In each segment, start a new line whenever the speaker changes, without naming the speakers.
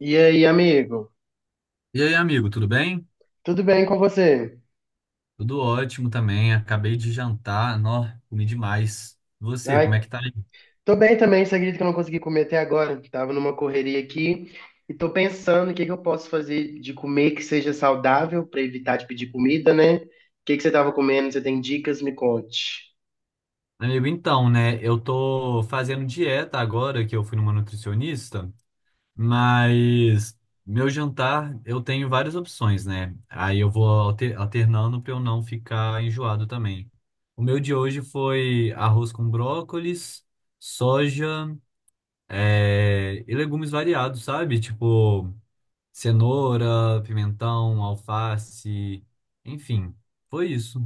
E aí, amigo?
E aí, amigo, tudo bem?
Tudo bem com você?
Tudo ótimo também. Acabei de jantar. Nó, comi demais. E você, como
Ai,
é que tá aí?
tô bem também, você acredita que eu não consegui comer até agora? Tava numa correria aqui e tô pensando o que que eu posso fazer de comer que seja saudável pra evitar de pedir comida, né? O que que você tava comendo? Você tem dicas? Me conte.
Amigo, então, né? Eu tô fazendo dieta agora que eu fui numa nutricionista, mas meu jantar eu tenho várias opções, né? Aí eu vou alternando pra eu não ficar enjoado também. O meu de hoje foi arroz com brócolis, soja, e legumes variados, sabe? Tipo, cenoura, pimentão, alface, enfim, foi isso.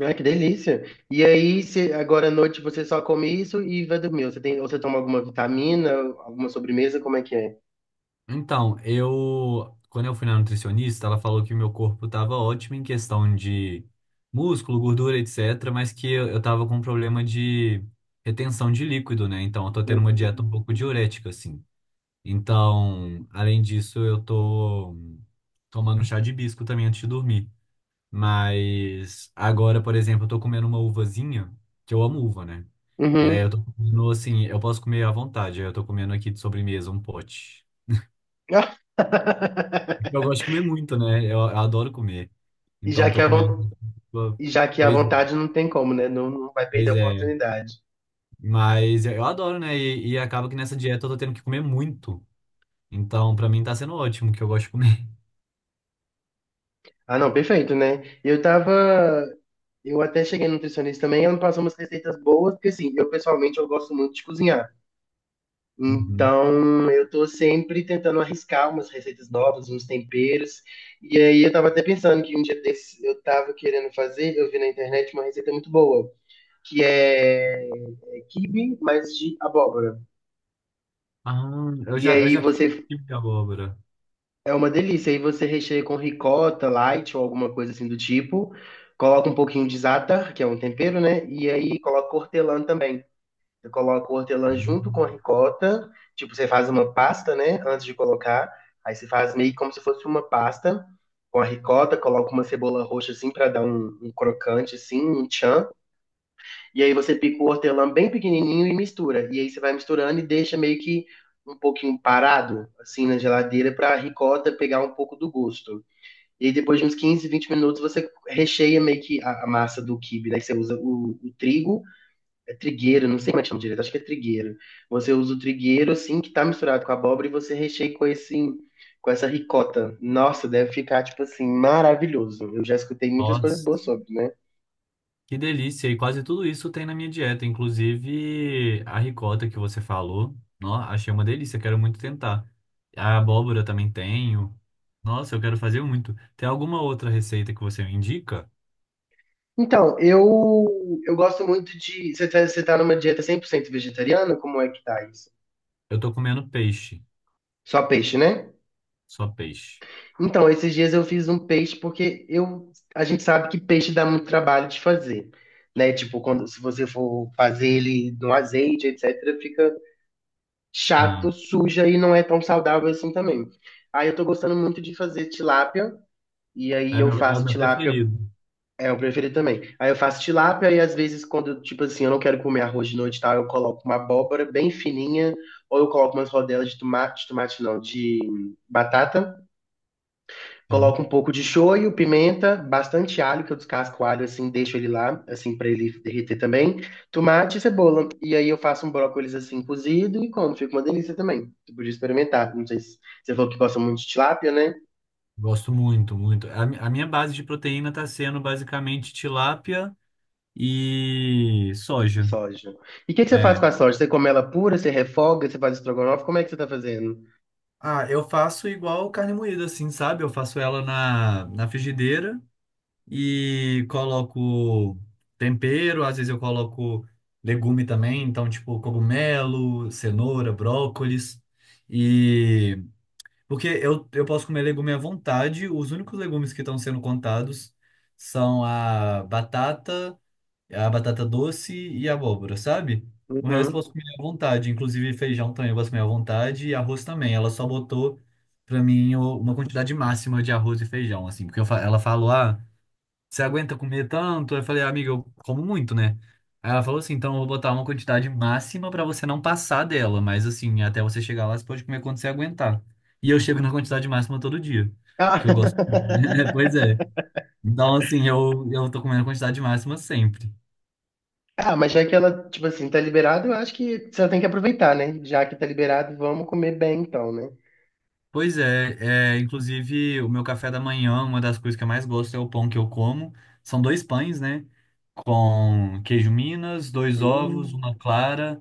Ai, que delícia. E aí, se agora à noite você só come isso e vai dormir? Você tem, ou você toma alguma vitamina, alguma sobremesa? Como é que é?
Então, eu, quando eu fui na nutricionista, ela falou que o meu corpo estava ótimo em questão de músculo, gordura, etc., mas que eu tava com problema de retenção de líquido, né? Então, eu tô tendo uma dieta um pouco diurética, assim. Então, além disso, eu tô tomando chá de hibisco também antes de dormir. Mas agora, por exemplo, eu tô comendo uma uvazinha, que eu amo uva, né? E aí eu
Uhum.
tô comendo assim, eu posso comer à vontade. Aí eu tô comendo aqui de sobremesa um pote. Eu gosto de comer muito, né? Eu adoro comer.
E
Então
já que
tô
é a
comendo.
vontade. E já que a
Pois é,
vontade não tem como, né? Não, não vai perder
pois
a
é.
oportunidade.
Mas eu adoro, né? E acaba que nessa dieta eu tô tendo que comer muito. Então, pra mim tá sendo ótimo que eu gosto de comer.
Ah, não, perfeito, né? Eu tava. Eu até cheguei no nutricionista também, ela me passou umas receitas boas, porque assim, eu pessoalmente eu gosto muito de cozinhar.
Uhum.
Então, eu tô sempre tentando arriscar umas receitas novas, uns temperos. E aí eu tava até pensando que um dia desses eu tava querendo fazer, eu vi na internet uma receita muito boa, que é quibe, mas de abóbora.
Ah, eu
E
já, eu
aí
já comi
você
de abóbora.
É uma delícia. Aí você recheia com ricota, light ou alguma coisa assim do tipo. Coloca um pouquinho de za'atar, que é um tempero, né? E aí coloca hortelã também. Você coloca o hortelã junto com
Uhum.
a ricota. Tipo, você faz uma pasta, né? Antes de colocar. Aí você faz meio como se fosse uma pasta com a ricota. Coloca uma cebola roxa assim pra dar um crocante, assim, um tchan. E aí você pica o hortelã bem pequenininho e mistura. E aí você vai misturando e deixa meio que um pouquinho parado, assim, na geladeira, para a ricota pegar um pouco do gosto. E aí depois de uns 15 a 20 minutos, você recheia meio que a massa do quibe, né? Você usa o trigo, é trigueiro, não sei como é que chama direito, acho que é trigueiro. Você usa o trigueiro, assim, que tá misturado com a abóbora e você recheia com esse... Com essa ricota. Nossa, deve ficar, tipo assim, maravilhoso. Eu já escutei muitas coisas
Nossa.
boas sobre, né?
Que delícia! E quase tudo isso tem na minha dieta, inclusive a ricota que você falou. Nó, achei uma delícia, quero muito tentar. A abóbora também tenho. Nossa, eu quero fazer muito. Tem alguma outra receita que você me indica?
Então, eu gosto muito de. Você tá numa dieta 100% vegetariana? Como é que tá isso?
Eu tô comendo peixe,
Só peixe, né?
só peixe.
Então, esses dias eu fiz um peixe porque a gente sabe que peixe dá muito trabalho de fazer, né? Tipo, quando, se você for fazer ele no azeite, etc., fica chato,
Sim,
suja e não é tão saudável assim também. Aí eu tô gostando muito de fazer tilápia, e aí eu
é o
faço
meu
tilápia
preferido.
É o preferido também. Aí eu faço tilápia e às vezes quando, tipo assim, eu não quero comer arroz de noite e tal, eu coloco uma abóbora bem fininha, ou eu coloco umas rodelas de tomate não, de batata,
Sim,
coloco um pouco de shoyu, pimenta, bastante alho, que eu descasco o alho assim, deixo ele lá, assim, pra ele derreter também, tomate e cebola. E aí eu faço um brócolis assim, cozido e como, fica uma delícia também. Você podia experimentar, não sei se você falou que gosta muito de tilápia, né?
gosto muito, muito. A minha base de proteína tá sendo basicamente tilápia e
E
soja.
soja. E o que que você faz
É,
com a soja? Você come ela pura, você refoga, você faz estrogonofe? Como é que você tá fazendo?
Ah, eu faço igual carne moída, assim, sabe? Eu faço ela na frigideira e coloco tempero, às vezes eu coloco legume também, então, tipo, cogumelo, cenoura, brócolis. E porque eu posso comer legume à vontade, os únicos legumes que estão sendo contados são a batata. É a batata doce e a abóbora, sabe? O resto eu
Uhum.
posso comer à vontade, inclusive feijão também eu posso comer à vontade e arroz também. Ela só botou pra mim uma quantidade máxima de arroz e feijão, assim, porque ela falou: "Ah, você aguenta comer tanto?" Eu falei: "Amiga, eu como muito, né?" Aí ela falou assim: "Então eu vou botar uma quantidade máxima pra você não passar dela, mas assim, até você chegar lá você pode comer quando você aguentar." E eu chego na quantidade máxima todo dia,
Ah.
porque eu gosto. Pois é. Então assim, eu tô comendo a quantidade máxima sempre.
Ah, mas já que ela, tipo assim, tá liberada, eu acho que você tem que aproveitar, né? Já que tá liberado, vamos comer bem então, né?
Pois é, inclusive o meu café da manhã, uma das coisas que eu mais gosto é o pão que eu como. São dois pães, né? Com queijo Minas, dois ovos,
Hum.
uma clara.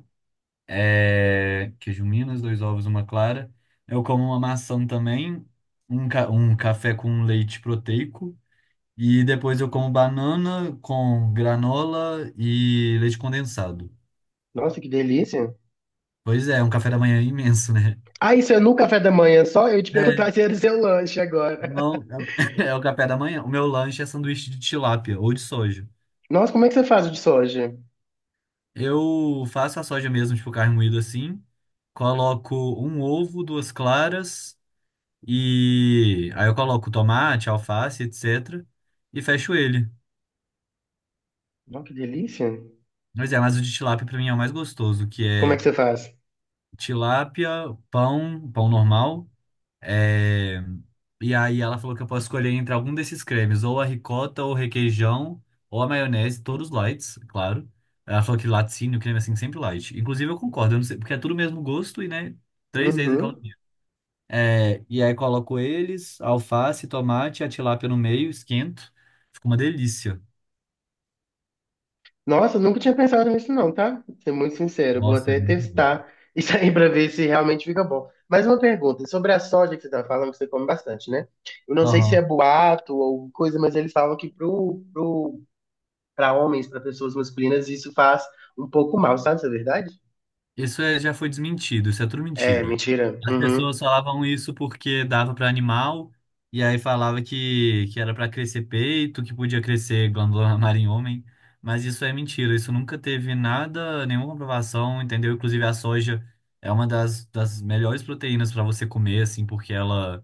É, queijo Minas, dois ovos, uma clara. Eu como uma maçã também, um café com leite proteico. E depois eu como banana com granola e leite condensado.
Nossa, que delícia.
Pois é, é um café da manhã é imenso, né?
Ah, isso é no café da manhã só? Eu ia te perguntar
É,
se era o seu lanche agora.
Não, é o é o café da manhã. O meu lanche é sanduíche de tilápia ou de soja.
Nossa, como é que você faz o de soja?
Eu faço a soja mesmo, tipo carne moída assim. Coloco um ovo, duas claras e aí eu coloco tomate, alface, etc. E fecho ele.
Nossa, que delícia.
Mas o de tilápia pra mim é o mais gostoso, que
Como é que
é
você faz?
tilápia, pão normal. É, E aí ela falou que eu posso escolher entre algum desses cremes, ou a ricota, ou o requeijão, ou a maionese, todos lights, claro. Ela falou que laticínio, creme assim, sempre light. Inclusive eu concordo, eu não sei, porque é tudo o mesmo gosto e, né, três vezes aquela
Uhum.
minha. E aí coloco eles, alface, tomate, a tilápia no meio, esquento. Fica uma delícia.
Nossa, nunca tinha pensado nisso não, tá? Vou ser muito sincero, vou
Nossa, é
até
muito bom.
testar isso aí pra ver se realmente fica bom. Mais uma pergunta, sobre a soja que você tá falando, que você come bastante, né? Eu não sei se é
Aham.
boato ou coisa, mas eles falam que pra homens, pra pessoas masculinas, isso faz um pouco mal, sabe? Isso é verdade?
Já foi desmentido, isso é tudo
É,
mentira.
mentira.
As pessoas
Uhum.
falavam isso porque dava para animal, e aí falava que era para crescer peito, que podia crescer glândula mamária em homem, mas isso é mentira, isso nunca teve nada, nenhuma comprovação, entendeu? Inclusive a soja é uma das melhores proteínas para você comer, assim, porque ela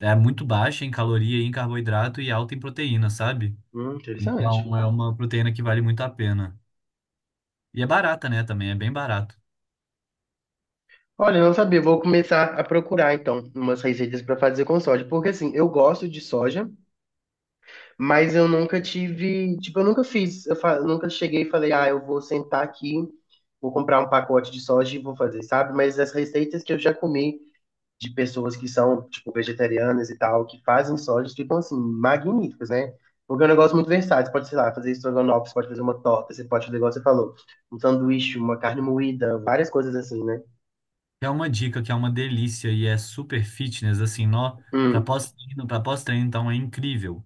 é muito baixa em caloria e em carboidrato e alta em proteína, sabe?
Interessante.
Então é uma proteína que vale muito a pena. E é barata, né, também, é bem barato.
Olha, eu não sabia, vou começar a procurar então umas receitas para fazer com soja, porque assim, eu gosto de soja, mas eu nunca tive, tipo, eu nunca fiz, nunca cheguei e falei, ah, eu vou sentar aqui, vou comprar um pacote de soja e vou fazer, sabe? Mas as receitas que eu já comi de pessoas que são, tipo, vegetarianas e tal, que fazem soja, ficam, assim, magníficas, né? Porque é um negócio muito versátil, você pode, sei lá, fazer estrogonofe, você pode fazer uma torta, você pode fazer, igual você falou, um sanduíche, uma carne moída, várias coisas assim, né?
É uma dica que é uma delícia e é super fitness, assim, nó,
Hum.
para pós-treino, então é incrível.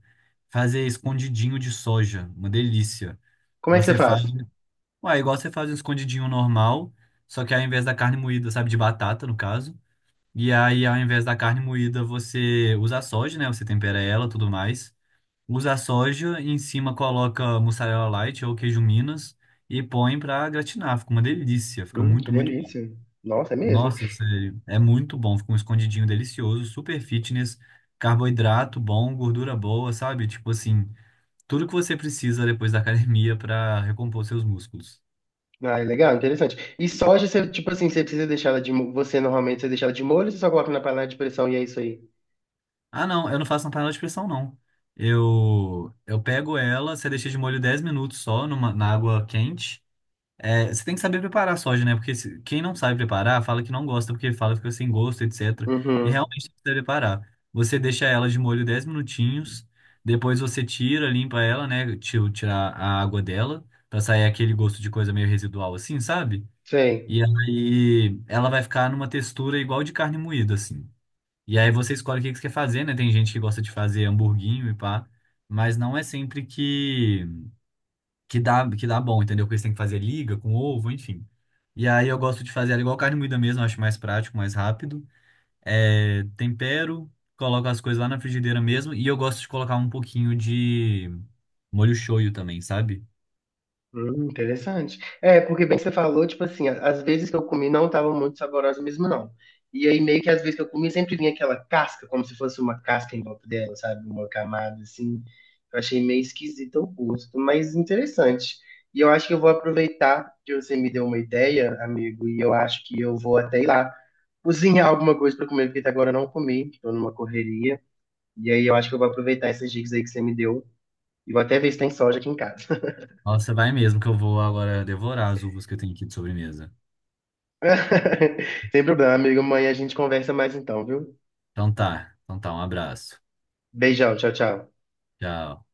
Fazer escondidinho de soja, uma delícia.
Como é que você
Você faz,
faz?
ué, igual você faz um escondidinho normal, só que ao invés da carne moída, sabe, de batata, no caso, e aí ao invés da carne moída, você usa a soja, né? Você tempera ela, tudo mais. Usa a soja, em cima coloca mussarela light ou queijo Minas e põe pra gratinar. Fica uma delícia, fica
Que
muito, muito,
delícia. Nossa, é mesmo.
nossa, sério, é muito bom. Fica um escondidinho delicioso, super fitness, carboidrato bom, gordura boa, sabe? Tipo assim, tudo que você precisa depois da academia pra recompor seus músculos.
Ah, é legal, interessante. E soja, você, tipo assim, você precisa deixar ela você, normalmente, você deixa ela de molho, você só coloca na panela de pressão e é isso aí.
Ah, não, eu não faço na panela de pressão, não. Eu pego ela, você deixa de molho 10 minutos só na água quente. É, você tem que saber preparar a soja, né? Porque quem não sabe preparar, fala que não gosta, porque fala que fica sem gosto, etc. E
Uhum,
realmente tem que saber preparar. Você deixa ela de molho 10 minutinhos, depois você tira, limpa ela, né? Tirar a água dela, pra sair aquele gosto de coisa meio residual assim, sabe?
sei.
E aí ela vai ficar numa textura igual de carne moída, assim. E aí você escolhe o que que você quer fazer, né? Tem gente que gosta de fazer hamburguinho e pá, mas não é sempre que dá bom, entendeu? Porque eles têm que fazer liga com ovo, enfim. E aí eu gosto de fazer ela igual carne moída mesmo, acho mais prático, mais rápido. É, tempero, coloco as coisas lá na frigideira mesmo. E eu gosto de colocar um pouquinho de molho shoyu também, sabe?
Interessante. É, porque bem que você falou, tipo assim, as vezes que eu comi não estavam muito saborosas mesmo, não. E aí, meio que as vezes que eu comi, sempre vinha aquela casca, como se fosse uma casca em volta dela, sabe? Uma camada, assim. Eu achei meio esquisito o gosto, mas interessante. E eu acho que eu vou aproveitar que você me deu uma ideia, amigo, e eu acho que eu vou até ir lá cozinhar alguma coisa pra comer, porque até agora eu não comi, tô numa correria. E aí, eu acho que eu vou aproveitar essas dicas aí que você me deu. E vou até ver se tem soja aqui em casa.
Nossa, vai mesmo que eu vou agora devorar as uvas que eu tenho aqui de sobremesa.
Sem problema, amigo. Amanhã a gente conversa mais então, viu?
Então tá, um abraço.
Beijão, tchau, tchau.
Tchau.